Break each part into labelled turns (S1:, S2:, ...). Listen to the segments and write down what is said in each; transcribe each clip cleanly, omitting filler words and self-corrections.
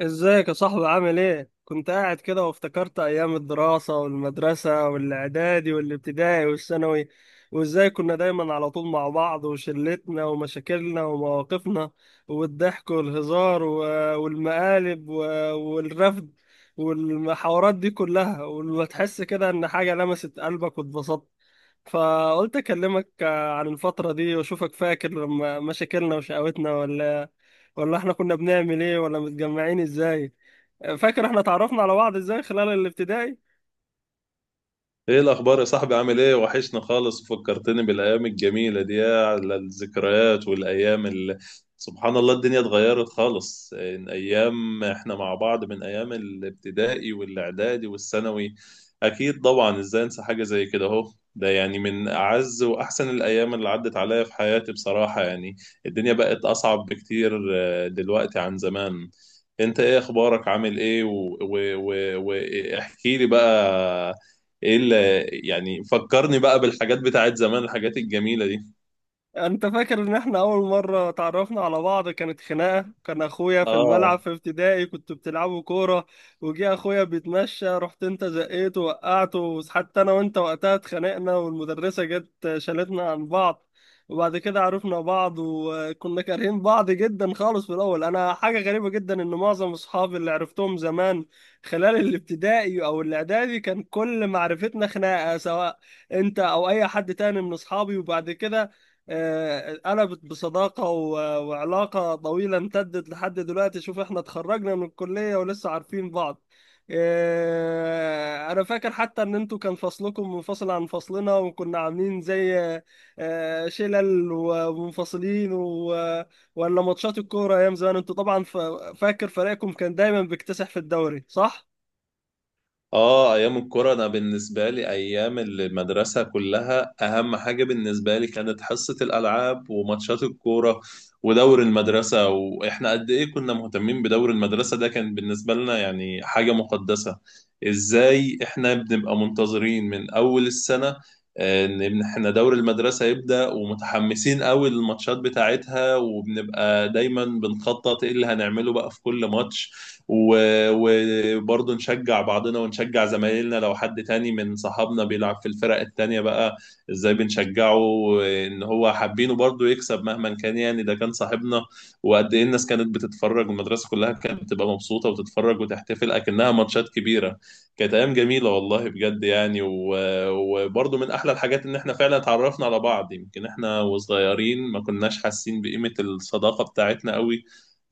S1: ازيك يا صاحبي؟ عامل ايه؟ كنت قاعد كده وافتكرت ايام الدراسة والمدرسة والاعدادي والابتدائي والثانوي، وازاي كنا دايما على طول مع بعض وشلتنا ومشاكلنا ومواقفنا والضحك والهزار والمقالب والرفد والمحاورات دي كلها، وتحس كده ان حاجة لمست قلبك واتبسطت. فقلت اكلمك عن الفترة دي واشوفك فاكر لما مشاكلنا وشقاوتنا ولا احنا كنا بنعمل ايه، ولا متجمعين ازاي. فاكر احنا تعرفنا على بعض ازاي خلال الابتدائي؟
S2: ايه الاخبار يا صاحبي؟ عامل ايه؟ وحشنا خالص. فكرتني بالايام الجميله دي، يا على الذكريات والايام اللي سبحان الله، الدنيا اتغيرت خالص من ايام احنا مع بعض، من ايام الابتدائي والاعدادي والثانوي. اكيد طبعا، ازاي انسى حاجه زي كده؟ اهو ده يعني من اعز واحسن الايام اللي عدت عليا في حياتي بصراحه يعني. الدنيا بقت اصعب بكتير دلوقتي عن زمان. انت ايه اخبارك؟ عامل ايه؟ واحكي لي بقى. ايه اللي يعني فكرني بقى بالحاجات بتاعت زمان؟ الحاجات الجميلة دي؟
S1: انت فاكر ان احنا اول مرة تعرفنا على بعض كانت خناقة؟ كان اخويا في
S2: اه.
S1: الملعب في ابتدائي، كنتوا بتلعبوا كورة وجه اخويا بيتمشى، رحت انت زقيته وقعته. حتى انا وانت وقتها اتخانقنا والمدرسة جت شالتنا عن بعض. وبعد كده عرفنا بعض وكنا كارهين بعض جدا خالص في الاول. انا حاجة غريبة جدا ان معظم اصحابي اللي عرفتهم زمان خلال الابتدائي او الاعدادي كان كل معرفتنا خناقة، سواء انت او اي حد تاني من اصحابي. وبعد كده قلبت بصداقة وعلاقة طويلة امتدت لحد دلوقتي. شوف احنا اتخرجنا من الكلية ولسه عارفين بعض. انا فاكر حتى ان انتوا كان فصلكم منفصل عن فصلنا، وكنا عاملين زي شلل ومنفصلين ولا ماتشات الكورة ايام زمان. انتوا طبعا فاكر فريقكم كان دايما بيكتسح في الدوري، صح؟
S2: اه، ايام الكوره، انا بالنسبه لي ايام المدرسه كلها اهم حاجه بالنسبه لي كانت حصه الالعاب وماتشات الكوره ودور المدرسه، واحنا قد ايه كنا مهتمين بدور المدرسه، ده كان بالنسبه لنا يعني حاجه مقدسه. ازاي احنا بنبقى منتظرين من اول السنه ان احنا دور المدرسه يبدا، ومتحمسين قوي للماتشات بتاعتها، وبنبقى دايما بنخطط ايه اللي هنعمله بقى في كل ماتش. وبرضه نشجع بعضنا ونشجع زمايلنا، لو حد تاني من صحابنا بيلعب في الفرق التانية بقى ازاي بنشجعه، ان هو حابينه برضه يكسب مهما كان، يعني ده كان صاحبنا. وقد ايه الناس كانت بتتفرج، والمدرسة كلها كانت بتبقى مبسوطة وتتفرج وتحتفل اكنها ماتشات كبيرة. كانت ايام جميلة والله بجد يعني، وبرضه من احلى الحاجات ان احنا فعلا اتعرفنا على بعض. يمكن احنا وصغيرين ما كناش حاسين بقيمة الصداقة بتاعتنا قوي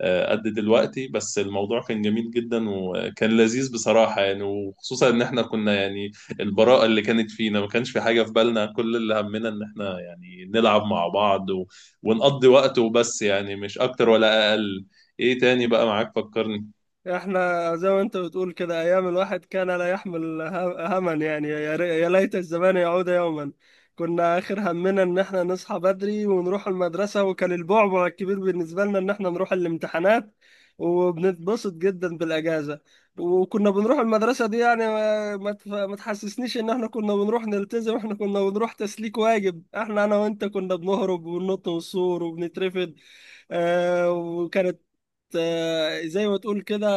S2: قد دلوقتي، بس الموضوع كان جميل جدا وكان لذيذ بصراحة يعني، وخصوصا ان احنا كنا يعني البراءة اللي كانت فينا، ما كانش في حاجة في بالنا، كل اللي همنا ان احنا يعني نلعب مع بعض ونقضي وقت وبس، يعني مش اكتر ولا اقل. ايه تاني بقى معاك؟ فكرني.
S1: احنا زي ما انت بتقول كده، ايام الواحد كان لا يحمل هما يعني، يا ليت الزمان يعود يوما. كنا اخر همنا ان احنا نصحى بدري ونروح المدرسة، وكان البعبع الكبير بالنسبة لنا ان احنا نروح الامتحانات، وبنتبسط جدا بالاجازة. وكنا بنروح المدرسة دي يعني ما تحسسنيش ان احنا كنا بنروح نلتزم، احنا كنا بنروح تسليك واجب. احنا انا وانت كنا بنهرب وننط من السور وبنترفد. آه، وكانت آه، زي ما تقول كده،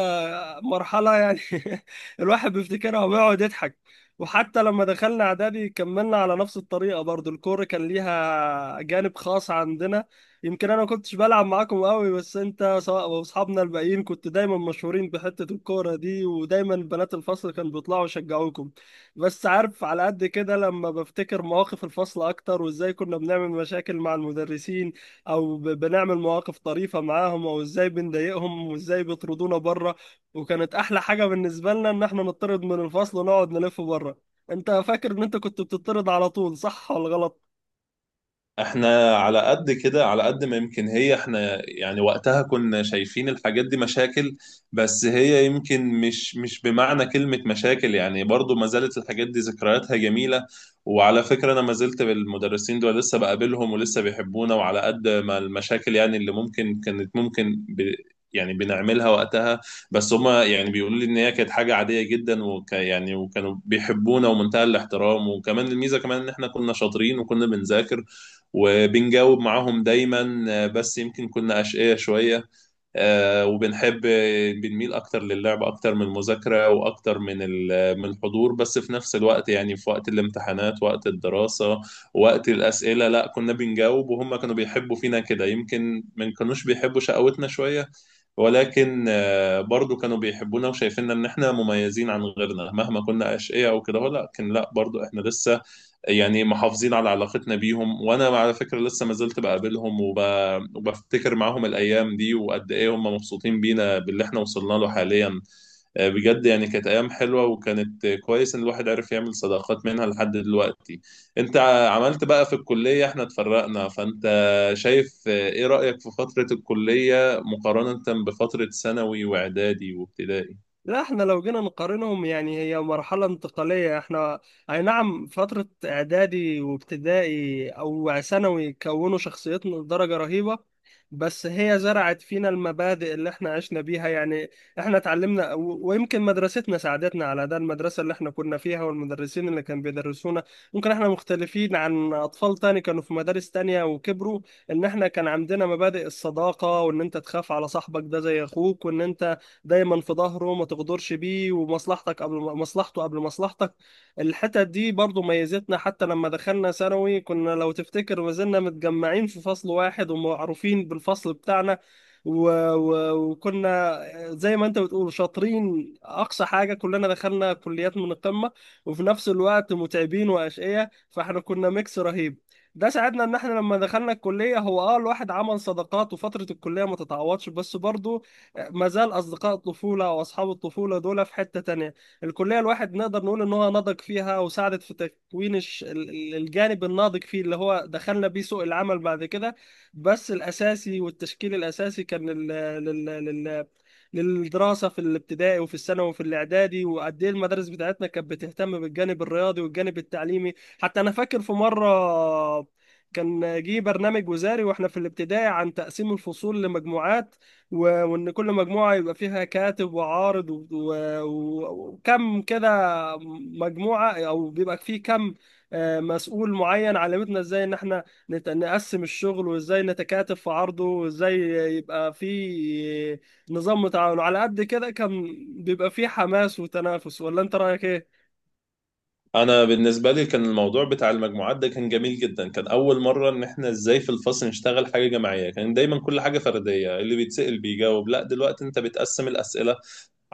S1: مرحلة يعني الواحد بيفتكرها وبيقعد يضحك. وحتى لما دخلنا إعدادي كملنا على نفس الطريقة، برضو الكورة كان ليها جانب خاص عندنا. يمكن أنا ما كنتش بلعب معاكم قوي، بس أنت سواء وأصحابنا الباقيين كنت دايما مشهورين بحتة الكورة دي، ودايما بنات الفصل كانوا بيطلعوا يشجعوكم. بس عارف على قد كده لما بفتكر مواقف الفصل أكتر، وإزاي كنا بنعمل مشاكل مع المدرسين، او بنعمل مواقف طريفه معاهم، او ازاي بنضايقهم وازاي بيطردونا بره. وكانت احلى حاجه بالنسبه لنا ان احنا نطرد من الفصل ونقعد نلف بره. انت فاكر ان انت كنت بتطرد على طول، صح ولا غلط؟
S2: احنا على قد كده، على قد ما يمكن هي احنا يعني وقتها كنا شايفين الحاجات دي مشاكل، بس هي يمكن مش بمعنى كلمة مشاكل يعني. برضو ما زالت الحاجات دي ذكرياتها جميلة، وعلى فكرة انا ما زلت بالمدرسين دول، لسه بقابلهم ولسه بيحبونا. وعلى قد ما المشاكل يعني اللي ممكن كانت ممكن ب يعني بنعملها وقتها، بس هما يعني بيقولوا لي ان هي كانت حاجة عادية جدا، يعني وكانوا بيحبونا ومنتهى الاحترام. وكمان الميزة كمان ان احنا كنا شاطرين وكنا بنذاكر وبنجاوب معاهم دايما، بس يمكن كنا أشقية شوية. وبنحب بنميل أكتر للعب أكتر من المذاكرة وأكتر من من الحضور، بس في نفس الوقت يعني في وقت الامتحانات، وقت الدراسة، وقت الأسئلة، لا كنا بنجاوب، وهم كانوا بيحبوا فينا كده. يمكن ما كانوش بيحبوا شقاوتنا شوية، ولكن برضو كانوا بيحبونا وشايفيننا ان احنا مميزين عن غيرنا. مهما كنا اشقياء او كده لا، لكن لا، برضو احنا لسه يعني محافظين على علاقتنا بيهم، وانا على فكره لسه ما زلت بقابلهم وبفتكر معاهم الايام دي، وقد ايه هم مبسوطين بينا باللي احنا وصلنا له حاليا. بجد يعني كانت ايام حلوه، وكانت كويس ان الواحد عرف يعمل صداقات منها لحد دلوقتي. انت عملت بقى في الكليه، احنا اتفرقنا، فانت شايف ايه رايك في فتره الكليه مقارنه بفتره ثانوي واعدادي وابتدائي؟
S1: لا احنا لو جينا نقارنهم يعني هي مرحلة انتقالية. احنا اي نعم فترة اعدادي وابتدائي او ثانوي كونوا شخصيتنا لدرجة رهيبة، بس هي زرعت فينا المبادئ اللي احنا عشنا بيها يعني. احنا اتعلمنا ويمكن مدرستنا ساعدتنا على ده، المدرسة اللي احنا كنا فيها والمدرسين اللي كانوا بيدرسونا. ممكن احنا مختلفين عن اطفال تاني كانوا في مدارس تانية وكبروا، ان احنا كان عندنا مبادئ الصداقة، وان انت تخاف على صاحبك ده زي اخوك، وان انت دايما في ظهره ما تغدرش بيه، ومصلحتك قبل مصلحته قبل مصلحتك. الحتت دي برضو ميزتنا. حتى لما دخلنا ثانوي كنا، لو تفتكر، ما زلنا متجمعين في فصل واحد ومعروفين بالفصل بتاعنا. و... وكنا زي ما انت بتقول شاطرين، اقصى حاجه كلنا دخلنا كليات من القمه، وفي نفس الوقت متعبين واشقياء، فاحنا كنا ميكس رهيب. ده ساعدنا ان احنا لما دخلنا الكليه هو اه الواحد عمل صداقات، وفتره الكليه ما تتعوضش، بس برضه ما زال اصدقاء الطفوله او اصحاب الطفوله دول في حته تانية. الكليه الواحد نقدر نقول ان هو نضج فيها، وساعدت في تكوين الجانب الناضج فيه، اللي هو دخلنا بيه سوق العمل بعد كده. بس الاساسي والتشكيل الاساسي كان لل... لل... للدراسه في الابتدائي وفي الثانوي وفي الاعدادي. وقد ايه المدارس بتاعتنا كانت بتهتم بالجانب الرياضي والجانب التعليمي. حتى انا فاكر في مره كان جه برنامج وزاري واحنا في الابتدائي عن تقسيم الفصول لمجموعات، وان كل مجموعه يبقى فيها كاتب وعارض وكم كده مجموعه، او بيبقى فيه كم مسؤول معين. علمتنا ازاي ان احنا نقسم الشغل، وازاي نتكاتف في عرضه، وازاي يبقى فيه نظام تعاون. على قد كده كان بيبقى فيه حماس وتنافس، ولا انت رايك ايه؟
S2: انا بالنسبه لي كان الموضوع بتاع المجموعات ده كان جميل جدا. كان اول مره ان احنا ازاي في الفصل نشتغل حاجه جماعيه، كان دايما كل حاجه فرديه، اللي بيتسال بيجاوب. لا، دلوقتي انت بتقسم الاسئله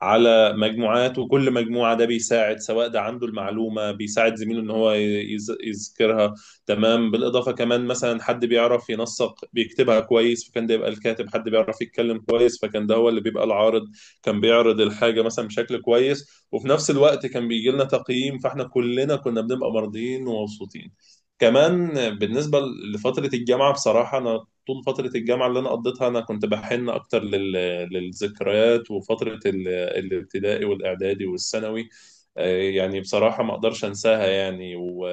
S2: على مجموعات، وكل مجموعة ده بيساعد، سواء ده عنده المعلومة بيساعد زميله ان هو يذكرها تمام. بالإضافة كمان مثلا حد بيعرف ينسق بيكتبها كويس فكان ده يبقى الكاتب، حد بيعرف يتكلم كويس فكان ده هو اللي بيبقى العارض. كان بيعرض الحاجة مثلا بشكل كويس، وفي نفس الوقت كان بيجي لنا تقييم، فاحنا كلنا كنا بنبقى مرضيين ومبسوطين كمان. بالنسبة لفترة الجامعة بصراحة، أنا طول فترة الجامعة اللي أنا قضيتها أنا كنت بحن أكتر للذكريات وفترة الابتدائي والاعدادي والثانوي. يعني بصراحة ما اقدرش انساها يعني،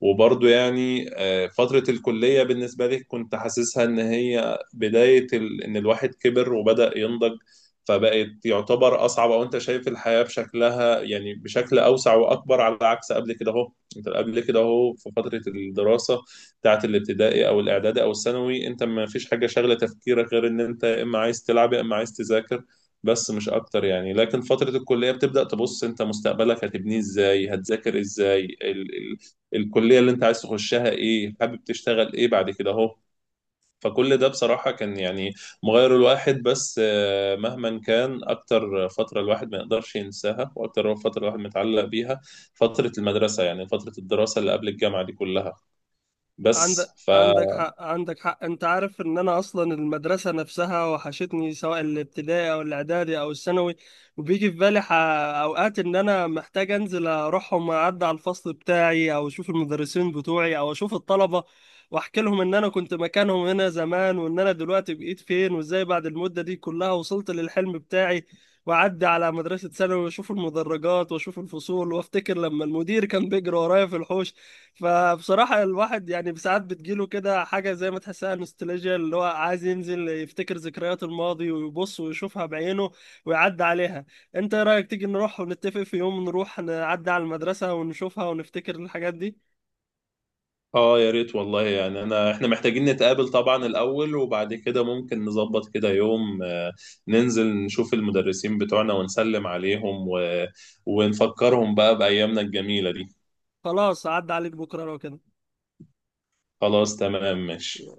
S2: وبرضه يعني فترة الكلية بالنسبة لي كنت حاسسها إن هي بداية إن الواحد كبر وبدأ ينضج. فبقت يعتبر أصعب، أو أنت شايف الحياة بشكلها يعني بشكل أوسع وأكبر، على عكس قبل كده أهو. أنت قبل كده أهو في فترة الدراسة بتاعة الابتدائي أو الإعدادي أو الثانوي، أنت ما فيش حاجة شاغلة تفكيرك غير إن أنت إما عايز تلعب يا إما عايز تذاكر بس، مش اكتر يعني. لكن فترة الكلية بتبدأ تبص انت مستقبلك هتبنيه ازاي، هتذاكر ازاي، ال ال الكلية اللي انت عايز تخشها ايه، حابب تشتغل ايه بعد كده اهو. فكل ده بصراحة كان يعني مغير الواحد. بس مهما كان، أكتر فترة الواحد ما يقدرش ينساها وأكتر فترة الواحد متعلق بيها فترة المدرسة، يعني فترة الدراسة اللي قبل الجامعة دي كلها. بس
S1: عندك
S2: ف
S1: عندك حق، عندك حق. انت عارف ان انا اصلا المدرسه نفسها وحشتني، سواء الابتدائي او الاعدادي او الثانوي. وبيجي في بالي اوقات ان انا محتاج انزل اروحهم، اعدي على الفصل بتاعي او اشوف المدرسين بتوعي او اشوف الطلبه، واحكي لهم ان انا كنت مكانهم هنا زمان، وان انا دلوقتي بقيت فين، وازاي بعد المده دي كلها وصلت للحلم بتاعي. واعدي على مدرسه ثانوي واشوف المدرجات واشوف الفصول، وافتكر لما المدير كان بيجري ورايا في الحوش. فبصراحة الواحد يعني ساعات بتجيله كده حاجة زي ما تحسها نوستالجيا، اللي هو عايز ينزل يفتكر ذكريات الماضي ويبص ويشوفها بعينه ويعدي عليها. انت ايه رأيك تيجي نروح ونتفق في يوم نروح نعدي على المدرسة ونشوفها ونفتكر الحاجات دي؟
S2: اه، يا ريت والله يعني، انا احنا محتاجين نتقابل طبعا الاول، وبعد كده ممكن نظبط كده يوم ننزل نشوف المدرسين بتوعنا ونسلم عليهم ونفكرهم بقى بأيامنا الجميلة دي.
S1: خلاص، عدى عليك بكرة لو كده.
S2: خلاص تمام ماشي.